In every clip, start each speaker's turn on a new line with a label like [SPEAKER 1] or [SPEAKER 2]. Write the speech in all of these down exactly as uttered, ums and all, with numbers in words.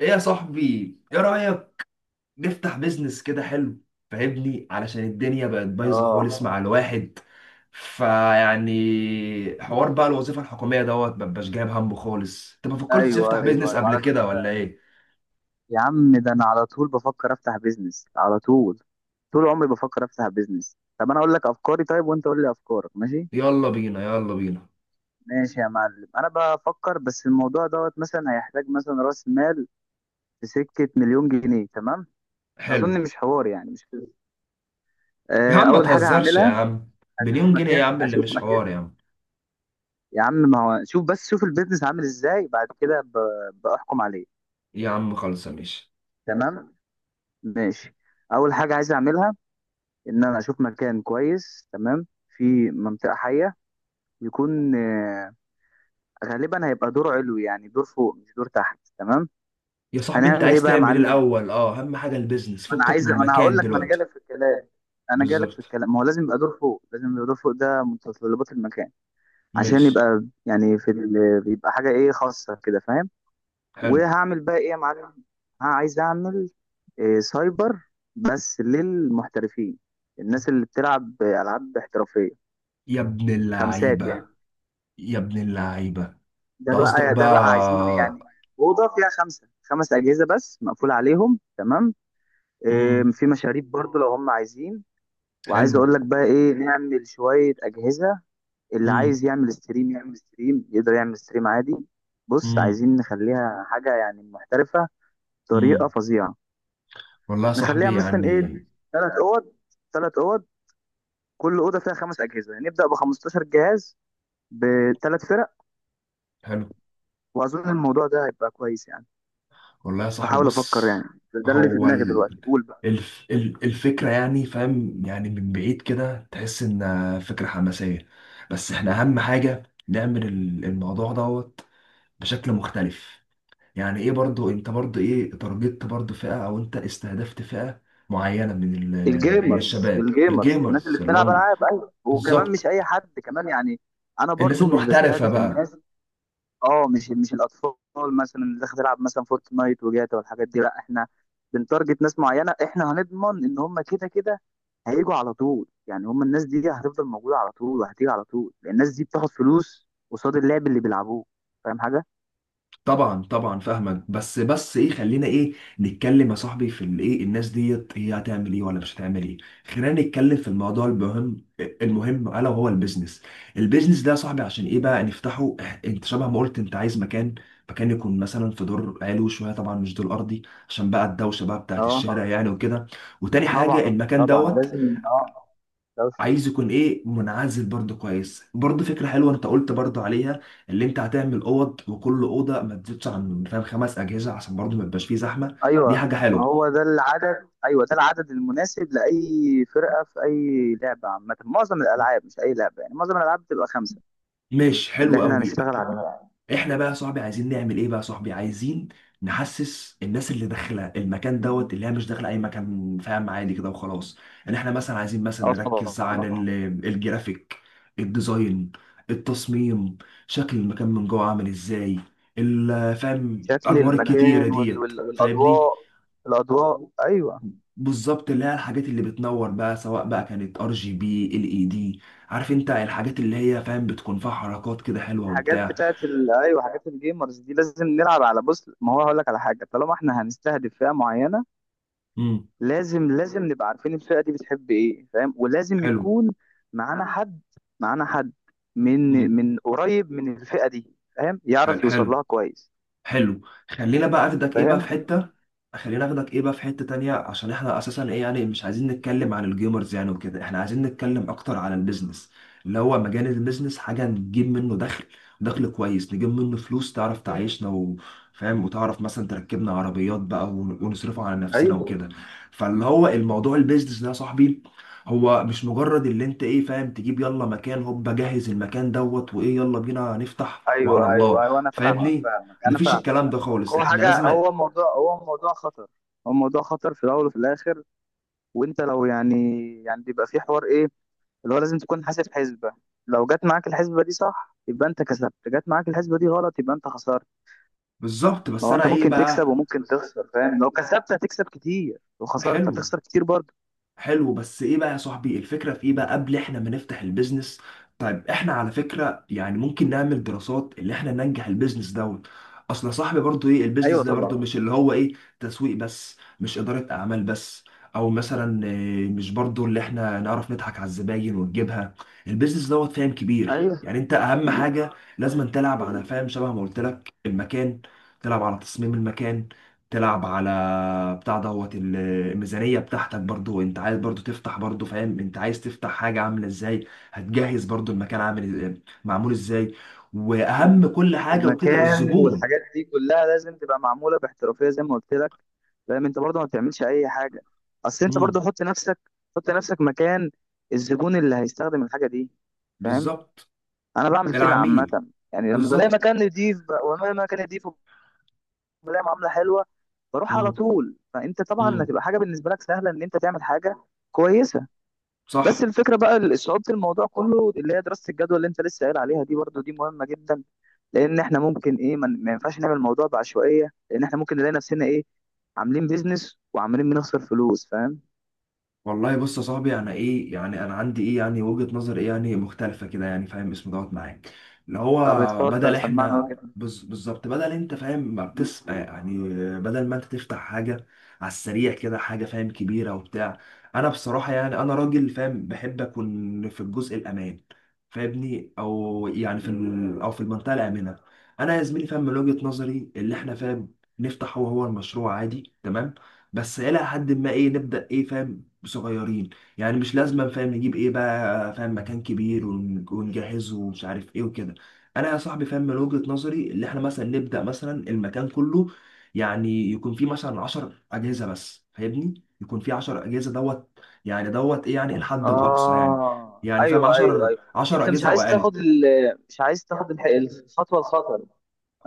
[SPEAKER 1] ايه يا صاحبي، ايه رأيك نفتح بيزنس كده حلو؟ فاهمني، علشان الدنيا بقت بايظة خالص مع
[SPEAKER 2] اه
[SPEAKER 1] الواحد. فيعني حوار بقى الوظيفة الحكومية دوت مبقاش جايب همه خالص. انت ما فكرتش تفتح
[SPEAKER 2] ايوه ايوه
[SPEAKER 1] بيزنس
[SPEAKER 2] ايوه على
[SPEAKER 1] قبل كده ولا
[SPEAKER 2] فكره.
[SPEAKER 1] ايه؟
[SPEAKER 2] يا عم، ده انا على طول بفكر افتح بيزنس على طول، طول عمري بفكر افتح بيزنس. طب انا اقول لك افكاري طيب، وانت قول لي افكارك. ماشي
[SPEAKER 1] يلا بينا يلا بينا.
[SPEAKER 2] ماشي يا معلم. انا بفكر بس في الموضوع دوت، مثلا هيحتاج مثلا راس مال في سكه مليون جنيه، تمام؟
[SPEAKER 1] حلو.
[SPEAKER 2] اظن مش حوار، يعني مش كده.
[SPEAKER 1] يا
[SPEAKER 2] آه،
[SPEAKER 1] عم ما
[SPEAKER 2] اول حاجه
[SPEAKER 1] تهزرش يا
[SPEAKER 2] هعملها،
[SPEAKER 1] عم،
[SPEAKER 2] اشوف
[SPEAKER 1] مليون جنيه يا
[SPEAKER 2] مكان
[SPEAKER 1] عم اللي
[SPEAKER 2] اشوف
[SPEAKER 1] مش
[SPEAKER 2] مكان
[SPEAKER 1] حوار يا عم.
[SPEAKER 2] يا عم، ما هو شوف، بس شوف البيزنس عامل ازاي بعد كده ب- بحكم عليه.
[SPEAKER 1] يا عم خلصة ماشي.
[SPEAKER 2] تمام، ماشي. اول حاجه عايز اعملها ان انا اشوف مكان كويس، تمام، في منطقه حيه. يكون آه، غالبا هيبقى دور علوي، يعني دور فوق مش دور تحت، تمام.
[SPEAKER 1] يا صاحبي انت
[SPEAKER 2] هنعمل ايه
[SPEAKER 1] عايز
[SPEAKER 2] بقى يا
[SPEAKER 1] تعمل ايه
[SPEAKER 2] معلم؟
[SPEAKER 1] الاول؟ اه، اهم حاجة البيزنس
[SPEAKER 2] ما انا
[SPEAKER 1] فكك من
[SPEAKER 2] عايز ما انا هقول
[SPEAKER 1] المكان
[SPEAKER 2] لك ما انا
[SPEAKER 1] دلوقتي.
[SPEAKER 2] جالك في الكلام. انا جالك في
[SPEAKER 1] بالظبط.
[SPEAKER 2] الكلام، ما هو لازم يبقى دور فوق، لازم يبقى دور فوق، ده متطلبات المكان. عشان
[SPEAKER 1] ماشي.
[SPEAKER 2] يبقى يعني في ال... يبقى حاجه ايه خاصه كده، فاهم؟
[SPEAKER 1] حلو.
[SPEAKER 2] وهعمل بقى ايه يا معلم؟ ها، عايز اعمل آه، سايبر بس للمحترفين، الناس اللي بتلعب العاب احترافيه،
[SPEAKER 1] يا ابن
[SPEAKER 2] خمسات
[SPEAKER 1] اللعيبة.
[SPEAKER 2] يعني.
[SPEAKER 1] يا ابن اللعيبة.
[SPEAKER 2] ده
[SPEAKER 1] انت قصدك
[SPEAKER 2] بقى ده بقى عايزين يعني
[SPEAKER 1] بقى؟
[SPEAKER 2] اوضه فيها خمسه خمس اجهزه بس، مقفول عليهم، تمام. إيه،
[SPEAKER 1] امم.
[SPEAKER 2] في مشاريب برضو لو هم عايزين. وعايز
[SPEAKER 1] حلو.
[SPEAKER 2] اقول لك بقى ايه، نعمل شويه اجهزه. اللي
[SPEAKER 1] امم.
[SPEAKER 2] عايز يعمل ستريم يعمل ستريم، يقدر يعمل ستريم عادي. بص،
[SPEAKER 1] امم
[SPEAKER 2] عايزين نخليها حاجه يعني محترفه بطريقه
[SPEAKER 1] امم
[SPEAKER 2] فظيعه.
[SPEAKER 1] والله يا
[SPEAKER 2] نخليها
[SPEAKER 1] صاحبي
[SPEAKER 2] مثلا
[SPEAKER 1] يعني.
[SPEAKER 2] ايه، ثلاث اوض ثلاث اوض، كل اوضه فيها خمس اجهزه، يعني نبدا ب خمسة عشر جهاز بثلاث فرق.
[SPEAKER 1] حلو.
[SPEAKER 2] واظن الموضوع ده هيبقى كويس يعني.
[SPEAKER 1] والله يا صاحبي،
[SPEAKER 2] بحاول افكر
[SPEAKER 1] بص.
[SPEAKER 2] يعني. ده ده اللي في
[SPEAKER 1] هو
[SPEAKER 2] دماغي
[SPEAKER 1] ال...
[SPEAKER 2] دلوقتي، قول بقى.
[SPEAKER 1] الف... ال- الفكرة يعني، فاهم، يعني من بعيد كده تحس إنها فكرة حماسية. بس احنا أهم حاجة نعمل ال- الموضوع دوت بشكل مختلف. يعني ايه برضو، انت برضو ايه تارجت برضو فئة، او انت استهدفت فئة معينة من ال- من
[SPEAKER 2] الجيمرز
[SPEAKER 1] الشباب
[SPEAKER 2] الجيمرز الناس
[SPEAKER 1] الجيمرز
[SPEAKER 2] اللي
[SPEAKER 1] اللي
[SPEAKER 2] بتلعب
[SPEAKER 1] هم.
[SPEAKER 2] العاب، ايوه، وكمان مش اي
[SPEAKER 1] بالظبط.
[SPEAKER 2] حد كمان يعني. انا
[SPEAKER 1] الناس
[SPEAKER 2] برضو مش
[SPEAKER 1] المحترفة
[SPEAKER 2] بستهدف
[SPEAKER 1] بقى.
[SPEAKER 2] الناس، اه، مش مش الاطفال مثلا اللي داخل تلعب مثلا فورتنايت وجاتا والحاجات دي. لا، احنا بنتارجت ناس معينه. احنا هنضمن ان هم كده كده هيجوا على طول، يعني هم الناس دي هتفضل موجوده على طول وهتيجي على طول، لأن الناس دي بتاخد فلوس قصاد اللعب اللي بيلعبوه. فاهم حاجه؟
[SPEAKER 1] طبعا طبعا فاهمك، بس بس ايه، خلينا ايه نتكلم يا صاحبي في الايه الناس ديت هي هتعمل ايه ولا مش هتعمل ايه. خلينا نتكلم في الموضوع المهم. المهم الا وهو البيزنس. البيزنس ده يا صاحبي عشان ايه بقى نفتحه؟ إح- انت شبه ما قلت انت عايز مكان، مكان يكون مثلا في دور علوي شويه، طبعا مش دور ارضي، عشان بقى الدوشه بقى بتاعت الشارع
[SPEAKER 2] اه
[SPEAKER 1] يعني وكده. وتاني حاجه
[SPEAKER 2] طبعا،
[SPEAKER 1] المكان
[SPEAKER 2] طبعا
[SPEAKER 1] دوت
[SPEAKER 2] لازم، اه.
[SPEAKER 1] عايز يكون ايه منعزل برضه، كويس، برضه فكره حلوه انت قلت برضه عليها. اللي انت هتعمل اوض وكل اوضه ما تزيدش عن فاهم خمس اجهزه، عشان برضه ما يبقاش فيه زحمه. دي
[SPEAKER 2] ايوه
[SPEAKER 1] حاجه
[SPEAKER 2] ما
[SPEAKER 1] حلوه.
[SPEAKER 2] هو ده العدد، ايوه ده العدد المناسب لاي فرقه في اي لعبه عامه. معظم الالعاب، مش اي لعبه يعني، معظم الالعاب بتبقى خمسه،
[SPEAKER 1] ماشي.
[SPEAKER 2] اللي
[SPEAKER 1] حلو
[SPEAKER 2] احنا
[SPEAKER 1] قوي.
[SPEAKER 2] هنشتغل عليها.
[SPEAKER 1] احنا بقى يا صاحبي عايزين نعمل ايه بقى يا صاحبي؟ عايزين نحسس الناس اللي داخله المكان دوت اللي هي مش داخله اي مكان فاهم عادي كده وخلاص. ان احنا مثلا عايزين مثلا
[SPEAKER 2] اه
[SPEAKER 1] نركز على
[SPEAKER 2] طبعا.
[SPEAKER 1] ال- الجرافيك، الديزاين، التصميم، شكل المكان من جوه عامل ازاي، ال- فاهم
[SPEAKER 2] شكل
[SPEAKER 1] الانوار الكتيره
[SPEAKER 2] المكان وال...
[SPEAKER 1] ديت
[SPEAKER 2] وال...
[SPEAKER 1] فاهمني.
[SPEAKER 2] والاضواء. الاضواء، ايوه.
[SPEAKER 1] بالظبط، اللي هي الحاجات اللي بتنور بقى سواء بقى كانت ار جي بي ال اي دي، عارف انت الحاجات اللي هي فاهم بتكون فيها حركات كده حلوه
[SPEAKER 2] الحاجات
[SPEAKER 1] وبتاع.
[SPEAKER 2] بتاعت ال... ايوه، حاجات الجيمرز دي لازم نلعب على. بص، ما هو هقول لك على حاجه، طالما احنا هنستهدف فئه معينه،
[SPEAKER 1] امم.
[SPEAKER 2] لازم لازم نبقى عارفين الفئة دي بتحب ايه، فاهم؟ ولازم
[SPEAKER 1] حلو.
[SPEAKER 2] يكون معانا حد معانا حد من
[SPEAKER 1] امم.
[SPEAKER 2] من قريب من الفئة دي، فاهم، يعرف يوصل
[SPEAKER 1] حلو.
[SPEAKER 2] لها كويس.
[SPEAKER 1] حلو. خلينا بقى اخدك ايه بقى في
[SPEAKER 2] فاهم.
[SPEAKER 1] حتة. خلينا اخدك ايه بقى في حتة تانية، عشان احنا اساسا ايه يعني مش عايزين نتكلم عن الجيمرز يعني وكده، احنا عايزين نتكلم اكتر عن البيزنس اللي هو مجال البيزنس، حاجة نجيب منه دخل. دخل كويس نجيب منه فلوس، تعرف تعيشنا وفاهم، وتعرف مثلا تركبنا عربيات بقى ون- ونصرفها على نفسنا
[SPEAKER 2] ايوه
[SPEAKER 1] وكده. فاللي هو الموضوع البيزنس ده يا صاحبي هو مش مجرد اللي انت ايه فاهم تجيب يلا مكان، هوب جهز المكان دوت وايه، يلا بينا نفتح وعلى
[SPEAKER 2] ايوه
[SPEAKER 1] الله.
[SPEAKER 2] ايوه ايوه انا فاهمك،
[SPEAKER 1] فاهمني،
[SPEAKER 2] فاهمك انا
[SPEAKER 1] مفيش
[SPEAKER 2] فاهمك
[SPEAKER 1] الكلام ده
[SPEAKER 2] انا فاهمك.
[SPEAKER 1] خالص،
[SPEAKER 2] هو
[SPEAKER 1] احنا
[SPEAKER 2] حاجة،
[SPEAKER 1] لازم.
[SPEAKER 2] هو موضوع هو موضوع خطر. هو موضوع خطر في الاول وفي الاخر. وانت لو يعني، يعني بيبقى في حوار ايه، اللي هو لازم تكون حاسب حسبة. لو جت معاك الحسبة دي صح، يبقى انت كسبت. جت معاك الحسبة دي غلط، يبقى انت خسرت.
[SPEAKER 1] بالظبط.
[SPEAKER 2] ما
[SPEAKER 1] بس
[SPEAKER 2] هو انت
[SPEAKER 1] انا ايه
[SPEAKER 2] ممكن تكسب
[SPEAKER 1] بقى.
[SPEAKER 2] وممكن تخسر، فاهم؟ لو كسبت هتكسب كتير، لو خسرت
[SPEAKER 1] حلو.
[SPEAKER 2] هتخسر كتير برضه.
[SPEAKER 1] حلو بس ايه بقى يا صاحبي الفكرة في ايه بقى قبل احنا ما نفتح البيزنس؟ طيب احنا على فكرة يعني ممكن نعمل دراسات اللي احنا ننجح البيزنس دوت. اصل يا صاحبي برضو ايه البيزنس
[SPEAKER 2] ايوه
[SPEAKER 1] ده برضو
[SPEAKER 2] طبعا.
[SPEAKER 1] مش اللي هو ايه تسويق بس، مش إدارة اعمال بس، او مثلا إيه، مش برضو اللي احنا نعرف نضحك على الزباين ونجيبها. البيزنس دوت فاهم كبير
[SPEAKER 2] ايوه.
[SPEAKER 1] يعني، انت اهم حاجة لازم تلعب على فاهم شبه ما قلت لك المكان، تلعب على تصميم المكان، تلعب على بتاع دوت ال- الميزانية بتاعتك برضو. انت عايز برضو تفتح برضو فاهم انت عايز تفتح حاجة عاملة ازاي. هتجهز برضو المكان عامل إز- معمول ازاي.
[SPEAKER 2] ال-
[SPEAKER 1] واهم كل حاجة وكده
[SPEAKER 2] المكان
[SPEAKER 1] الزبون.
[SPEAKER 2] والحاجات دي كلها لازم تبقى معموله باحترافيه، زي ما قلت لك. فاهم، انت برضه ما بتعملش اي حاجه. اصل انت
[SPEAKER 1] امم.
[SPEAKER 2] برضه حط نفسك حط نفسك مكان الزبون اللي هيستخدم الحاجه دي، فاهم.
[SPEAKER 1] بالظبط.
[SPEAKER 2] انا بعمل كده عامه،
[SPEAKER 1] العميل.
[SPEAKER 2] يعني لما بلاقي
[SPEAKER 1] بالظبط.
[SPEAKER 2] مكان نضيف ب- وانا مكان نضيف، وبلاقي معامله حلوه، بروح على
[SPEAKER 1] امم.
[SPEAKER 2] طول. فانت طبعا
[SPEAKER 1] امم.
[SPEAKER 2] هتبقى حاجه بالنسبه لك سهله ان انت تعمل حاجه كويسه. بس
[SPEAKER 1] صح.
[SPEAKER 2] الفكره بقى صعوبه الموضوع كله اللي هي دراسه الجدوى اللي انت لسه قايل عليها دي، برضو دي مهمه جدا. لان احنا ممكن ايه، ما ما ينفعش نعمل الموضوع بعشوائيه، لان احنا ممكن نلاقي نفسنا ايه، عاملين بيزنس وعمالين بنخسر فلوس، فاهم.
[SPEAKER 1] والله بص يا صاحبي، انا ايه يعني، انا عندي ايه يعني وجهة نظر ايه يعني مختلفة كده يعني فاهم اسمه دوت معاك. اللي هو
[SPEAKER 2] طب
[SPEAKER 1] بدل
[SPEAKER 2] اتفضل سمعنا
[SPEAKER 1] احنا
[SPEAKER 2] وجهة.
[SPEAKER 1] بز- بالظبط بدل انت فاهم ما بتس يعني. بدل ما انت تفتح حاجة على السريع كده، حاجة فاهم كبيرة وبتاع. انا بصراحة يعني، انا راجل فاهم بحب اكون في الجزء الامان، فاهمني، او يعني في ال... او في المنطقة الآمنة. انا يا زميلي فاهم من وجهة نظري اللي احنا فاهم نفتح هو هو المشروع عادي تمام، بس الى حد ما ايه نبدا ايه فاهم صغيرين. يعني مش لازم فاهم نجيب ايه بقى فاهم مكان كبير ون- ونجهزه ومش عارف ايه وكده. انا يا صاحبي فاهم من وجهة نظري اللي احنا مثلا نبدأ مثلا المكان كله يعني يكون فيه مثلا عشر أجهزة بس، فاهمني، يكون فيه عشر أجهزة دوت، يعني دوت ايه يعني الحد الأقصى يعني،
[SPEAKER 2] اه،
[SPEAKER 1] يعني فاهم
[SPEAKER 2] ايوه ايوه
[SPEAKER 1] عشر
[SPEAKER 2] ايوه
[SPEAKER 1] عشر
[SPEAKER 2] انت مش
[SPEAKER 1] أجهزة أو
[SPEAKER 2] عايز
[SPEAKER 1] أقل.
[SPEAKER 2] تاخد ال... مش عايز تاخد الح- الخطوه الخطر.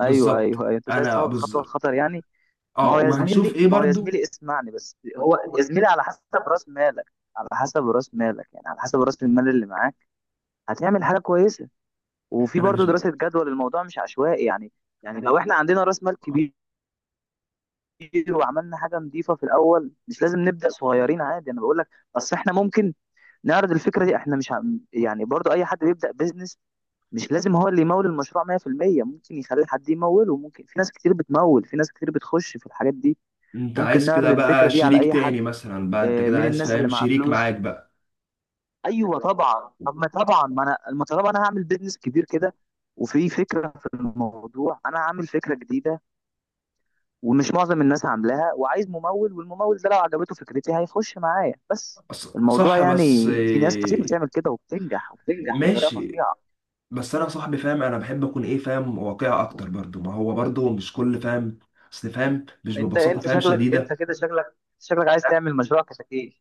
[SPEAKER 2] ايوه
[SPEAKER 1] بالظبط
[SPEAKER 2] ايوه ايوه انت مش عايز
[SPEAKER 1] انا
[SPEAKER 2] تاخد الخطوه
[SPEAKER 1] بز...
[SPEAKER 2] الخطر يعني. ما
[SPEAKER 1] اه،
[SPEAKER 2] هو يا
[SPEAKER 1] وهنشوف ايه
[SPEAKER 2] زميلي ما هو يا
[SPEAKER 1] برضو.
[SPEAKER 2] زميلي اسمعني بس. هو يا زميلي على حسب راس مالك، على حسب راس مالك يعني على حسب راس المال اللي معاك هتعمل حاجه كويسه. وفي
[SPEAKER 1] انا مش
[SPEAKER 2] برضه
[SPEAKER 1] بقى.
[SPEAKER 2] دراسه جدوى للموضوع، مش عشوائي يعني. يعني لو احنا عندنا راس مال كبير، وعملنا حاجه نظيفه في الاول، مش لازم نبدا صغيرين عادي، انا بقول لك. اصل احنا ممكن نعرض الفكره دي. احنا مش عم- يعني برضو اي حد بيبدا بيزنس مش لازم هو اللي يمول المشروع مية في المية. ممكن يخلي حد يموله، ممكن في ناس كتير بتمول، في ناس كتير بتخش في الحاجات دي.
[SPEAKER 1] انت
[SPEAKER 2] ممكن
[SPEAKER 1] عايز كده
[SPEAKER 2] نعرض
[SPEAKER 1] بقى
[SPEAKER 2] الفكره دي على
[SPEAKER 1] شريك
[SPEAKER 2] اي حد،
[SPEAKER 1] تاني مثلا بقى، انت
[SPEAKER 2] آه،
[SPEAKER 1] كده
[SPEAKER 2] مين
[SPEAKER 1] عايز
[SPEAKER 2] الناس اللي
[SPEAKER 1] فاهم
[SPEAKER 2] معاه
[SPEAKER 1] شريك معاك
[SPEAKER 2] فلوس.
[SPEAKER 1] بقى.
[SPEAKER 2] ايوه طبعا. طب ما طبعا، ما انا، ما طالما انا هعمل بيزنس كبير كده وفي فكره في الموضوع، انا هعمل فكره جديده ومش معظم الناس عاملاها، وعايز ممول. والممول ده لو عجبته فكرتي هيخش معايا، بس
[SPEAKER 1] ص-
[SPEAKER 2] الموضوع
[SPEAKER 1] صح،
[SPEAKER 2] يعني.
[SPEAKER 1] بس
[SPEAKER 2] في ناس كتير بتعمل
[SPEAKER 1] إيه،
[SPEAKER 2] كده وبتنجح، وبتنجح بطريقه
[SPEAKER 1] ماشي.
[SPEAKER 2] فظيعه.
[SPEAKER 1] بس انا صاحبي فاهم انا بحب اكون ايه فاهم واقعي اكتر برضو، ما هو برضو مش كل فاهم، اصل فاهم مش
[SPEAKER 2] انت
[SPEAKER 1] ببساطة
[SPEAKER 2] انت
[SPEAKER 1] فاهم
[SPEAKER 2] شكلك، انت
[SPEAKER 1] شديدة.
[SPEAKER 2] كده، شكلك شكلك عايز تعمل مشروع كتاكيت.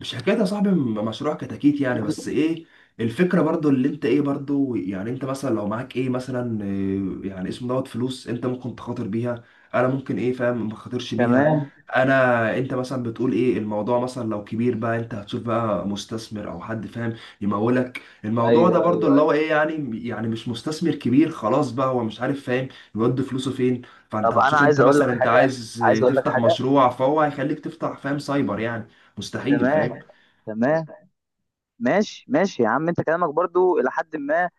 [SPEAKER 1] مش حكايه يا صاحبي، م- مشروع كتاكيت يعني،
[SPEAKER 2] انت
[SPEAKER 1] بس ايه الفكره برضو اللي انت ايه برضو يعني، انت مثلا لو معاك ايه مثلا إيه يعني اسمه دوت فلوس انت ممكن تخاطر بيها، انا ممكن ايه فاهم ما خاطرش بيها.
[SPEAKER 2] تمام.
[SPEAKER 1] انا انت مثلا بتقول ايه الموضوع مثلا لو كبير بقى، انت هتشوف بقى مستثمر او حد فاهم يمولك الموضوع
[SPEAKER 2] ايوه
[SPEAKER 1] ده
[SPEAKER 2] ايوه
[SPEAKER 1] برضو، اللي هو
[SPEAKER 2] أيوة.
[SPEAKER 1] ايه يعني يعني مش مستثمر كبير خلاص بقى، هو مش عارف فاهم يودي فلوسه فين. فانت
[SPEAKER 2] طب انا
[SPEAKER 1] هتشوف انت
[SPEAKER 2] عايز اقول
[SPEAKER 1] مثلا
[SPEAKER 2] لك
[SPEAKER 1] انت
[SPEAKER 2] حاجه،
[SPEAKER 1] عايز
[SPEAKER 2] عايز اقول لك
[SPEAKER 1] تفتح
[SPEAKER 2] حاجه
[SPEAKER 1] مشروع فهو هيخليك تفتح فاهم سايبر يعني، مستحيل
[SPEAKER 2] تمام
[SPEAKER 1] فاهم.
[SPEAKER 2] تمام، ماشي ماشي يا عم. انت كلامك برضو الى حد ما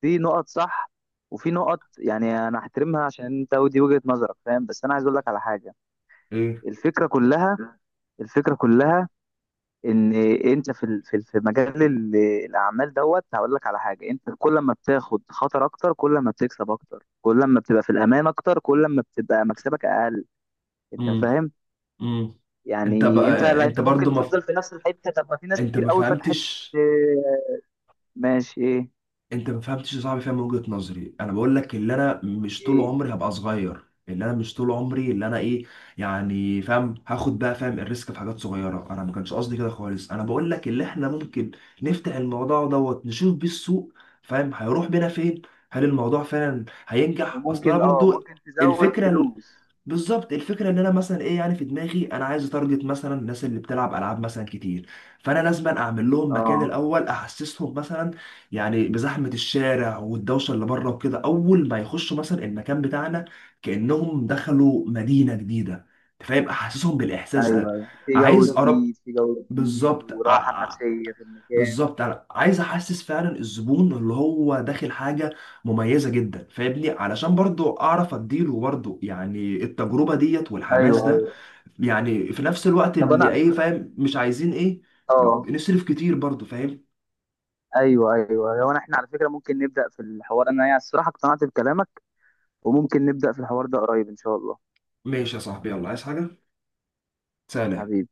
[SPEAKER 2] في نقط صح، وفي نقط يعني انا احترمها عشان انت ودي وجهة نظرك، فاهم. بس انا عايز اقول لك على حاجة.
[SPEAKER 1] ايه.
[SPEAKER 2] الفكرة كلها، الفكرة كلها ان انت في ال- في ال- في مجال ال- الاعمال دوت. هقول لك على حاجة: انت كل ما بتاخد خطر اكتر، كل ما بتكسب اكتر. كل ما بتبقى في الامان اكتر، كل ما بتبقى مكسبك اقل. انت
[SPEAKER 1] امم.
[SPEAKER 2] فاهم؟
[SPEAKER 1] امم. انت
[SPEAKER 2] يعني انت
[SPEAKER 1] بقى
[SPEAKER 2] لا،
[SPEAKER 1] انت
[SPEAKER 2] انت
[SPEAKER 1] برضو
[SPEAKER 2] ممكن
[SPEAKER 1] ما ف...
[SPEAKER 2] تفضل في نفس الحتة، طب ما في ناس
[SPEAKER 1] انت
[SPEAKER 2] كتير
[SPEAKER 1] ما
[SPEAKER 2] قوي
[SPEAKER 1] فهمتش
[SPEAKER 2] فتحت. اه، ماشي. ايه
[SPEAKER 1] انت ما فهمتش يا صاحبي فاهم وجهة نظري. انا بقول لك اللي انا مش طول
[SPEAKER 2] ايه؟
[SPEAKER 1] عمري هبقى صغير، اللي انا مش طول عمري اللي انا ايه، يعني فاهم هاخد بقى فاهم الريسك في حاجات صغيرة. انا ما كانش قصدي كده خالص، انا بقول لك اللي احنا ممكن نفتح الموضوع دوت نشوف بيه السوق فاهم هيروح بينا فين، هل الموضوع فعلا هينجح. اصل انا
[SPEAKER 2] وممكن اه،
[SPEAKER 1] برضو
[SPEAKER 2] ممكن تزود
[SPEAKER 1] الفكرة
[SPEAKER 2] فلوس.
[SPEAKER 1] بالظبط، الفكره ان انا مثلا ايه يعني في دماغي انا عايز اتارجت مثلا الناس اللي بتلعب العاب مثلا كتير، فانا لازم اعمل لهم مكان
[SPEAKER 2] اه
[SPEAKER 1] الاول احسسهم مثلا، يعني بزحمه الشارع والدوشه اللي بره وكده، اول ما يخشوا مثلا المكان بتاعنا كانهم دخلوا مدينه جديده. أنت فاهم احسسهم
[SPEAKER 2] يعني
[SPEAKER 1] بالاحساس ده.
[SPEAKER 2] ايوه، ايوه، في
[SPEAKER 1] عايز
[SPEAKER 2] جو
[SPEAKER 1] اقرب.
[SPEAKER 2] جديد، في جو جديد،
[SPEAKER 1] بالظبط
[SPEAKER 2] وراحة
[SPEAKER 1] ع-
[SPEAKER 2] نفسية في المكان.
[SPEAKER 1] بالظبط انا عايز احسس فعلا الزبون اللي هو داخل حاجه مميزه جدا، فاهمني علشان برضو اعرف اديله برضو يعني التجربه ديت والحماس
[SPEAKER 2] ايوه
[SPEAKER 1] ده،
[SPEAKER 2] ايوه.
[SPEAKER 1] يعني في نفس الوقت
[SPEAKER 2] طب
[SPEAKER 1] اللي
[SPEAKER 2] انا،
[SPEAKER 1] ايه فاهم مش عايزين ايه
[SPEAKER 2] اه،
[SPEAKER 1] نصرف كتير برضو فاهم.
[SPEAKER 2] ايوه ايوه. هو أنا- احنا على فكرة ممكن نبدأ في الحوار. انا يعني الصراحة اقتنعت بكلامك، وممكن نبدأ في الحوار ده قريب ان شاء الله.
[SPEAKER 1] ماشي يا صاحبي، يلا عايز حاجه؟ سلام.
[SPEAKER 2] حبيبي.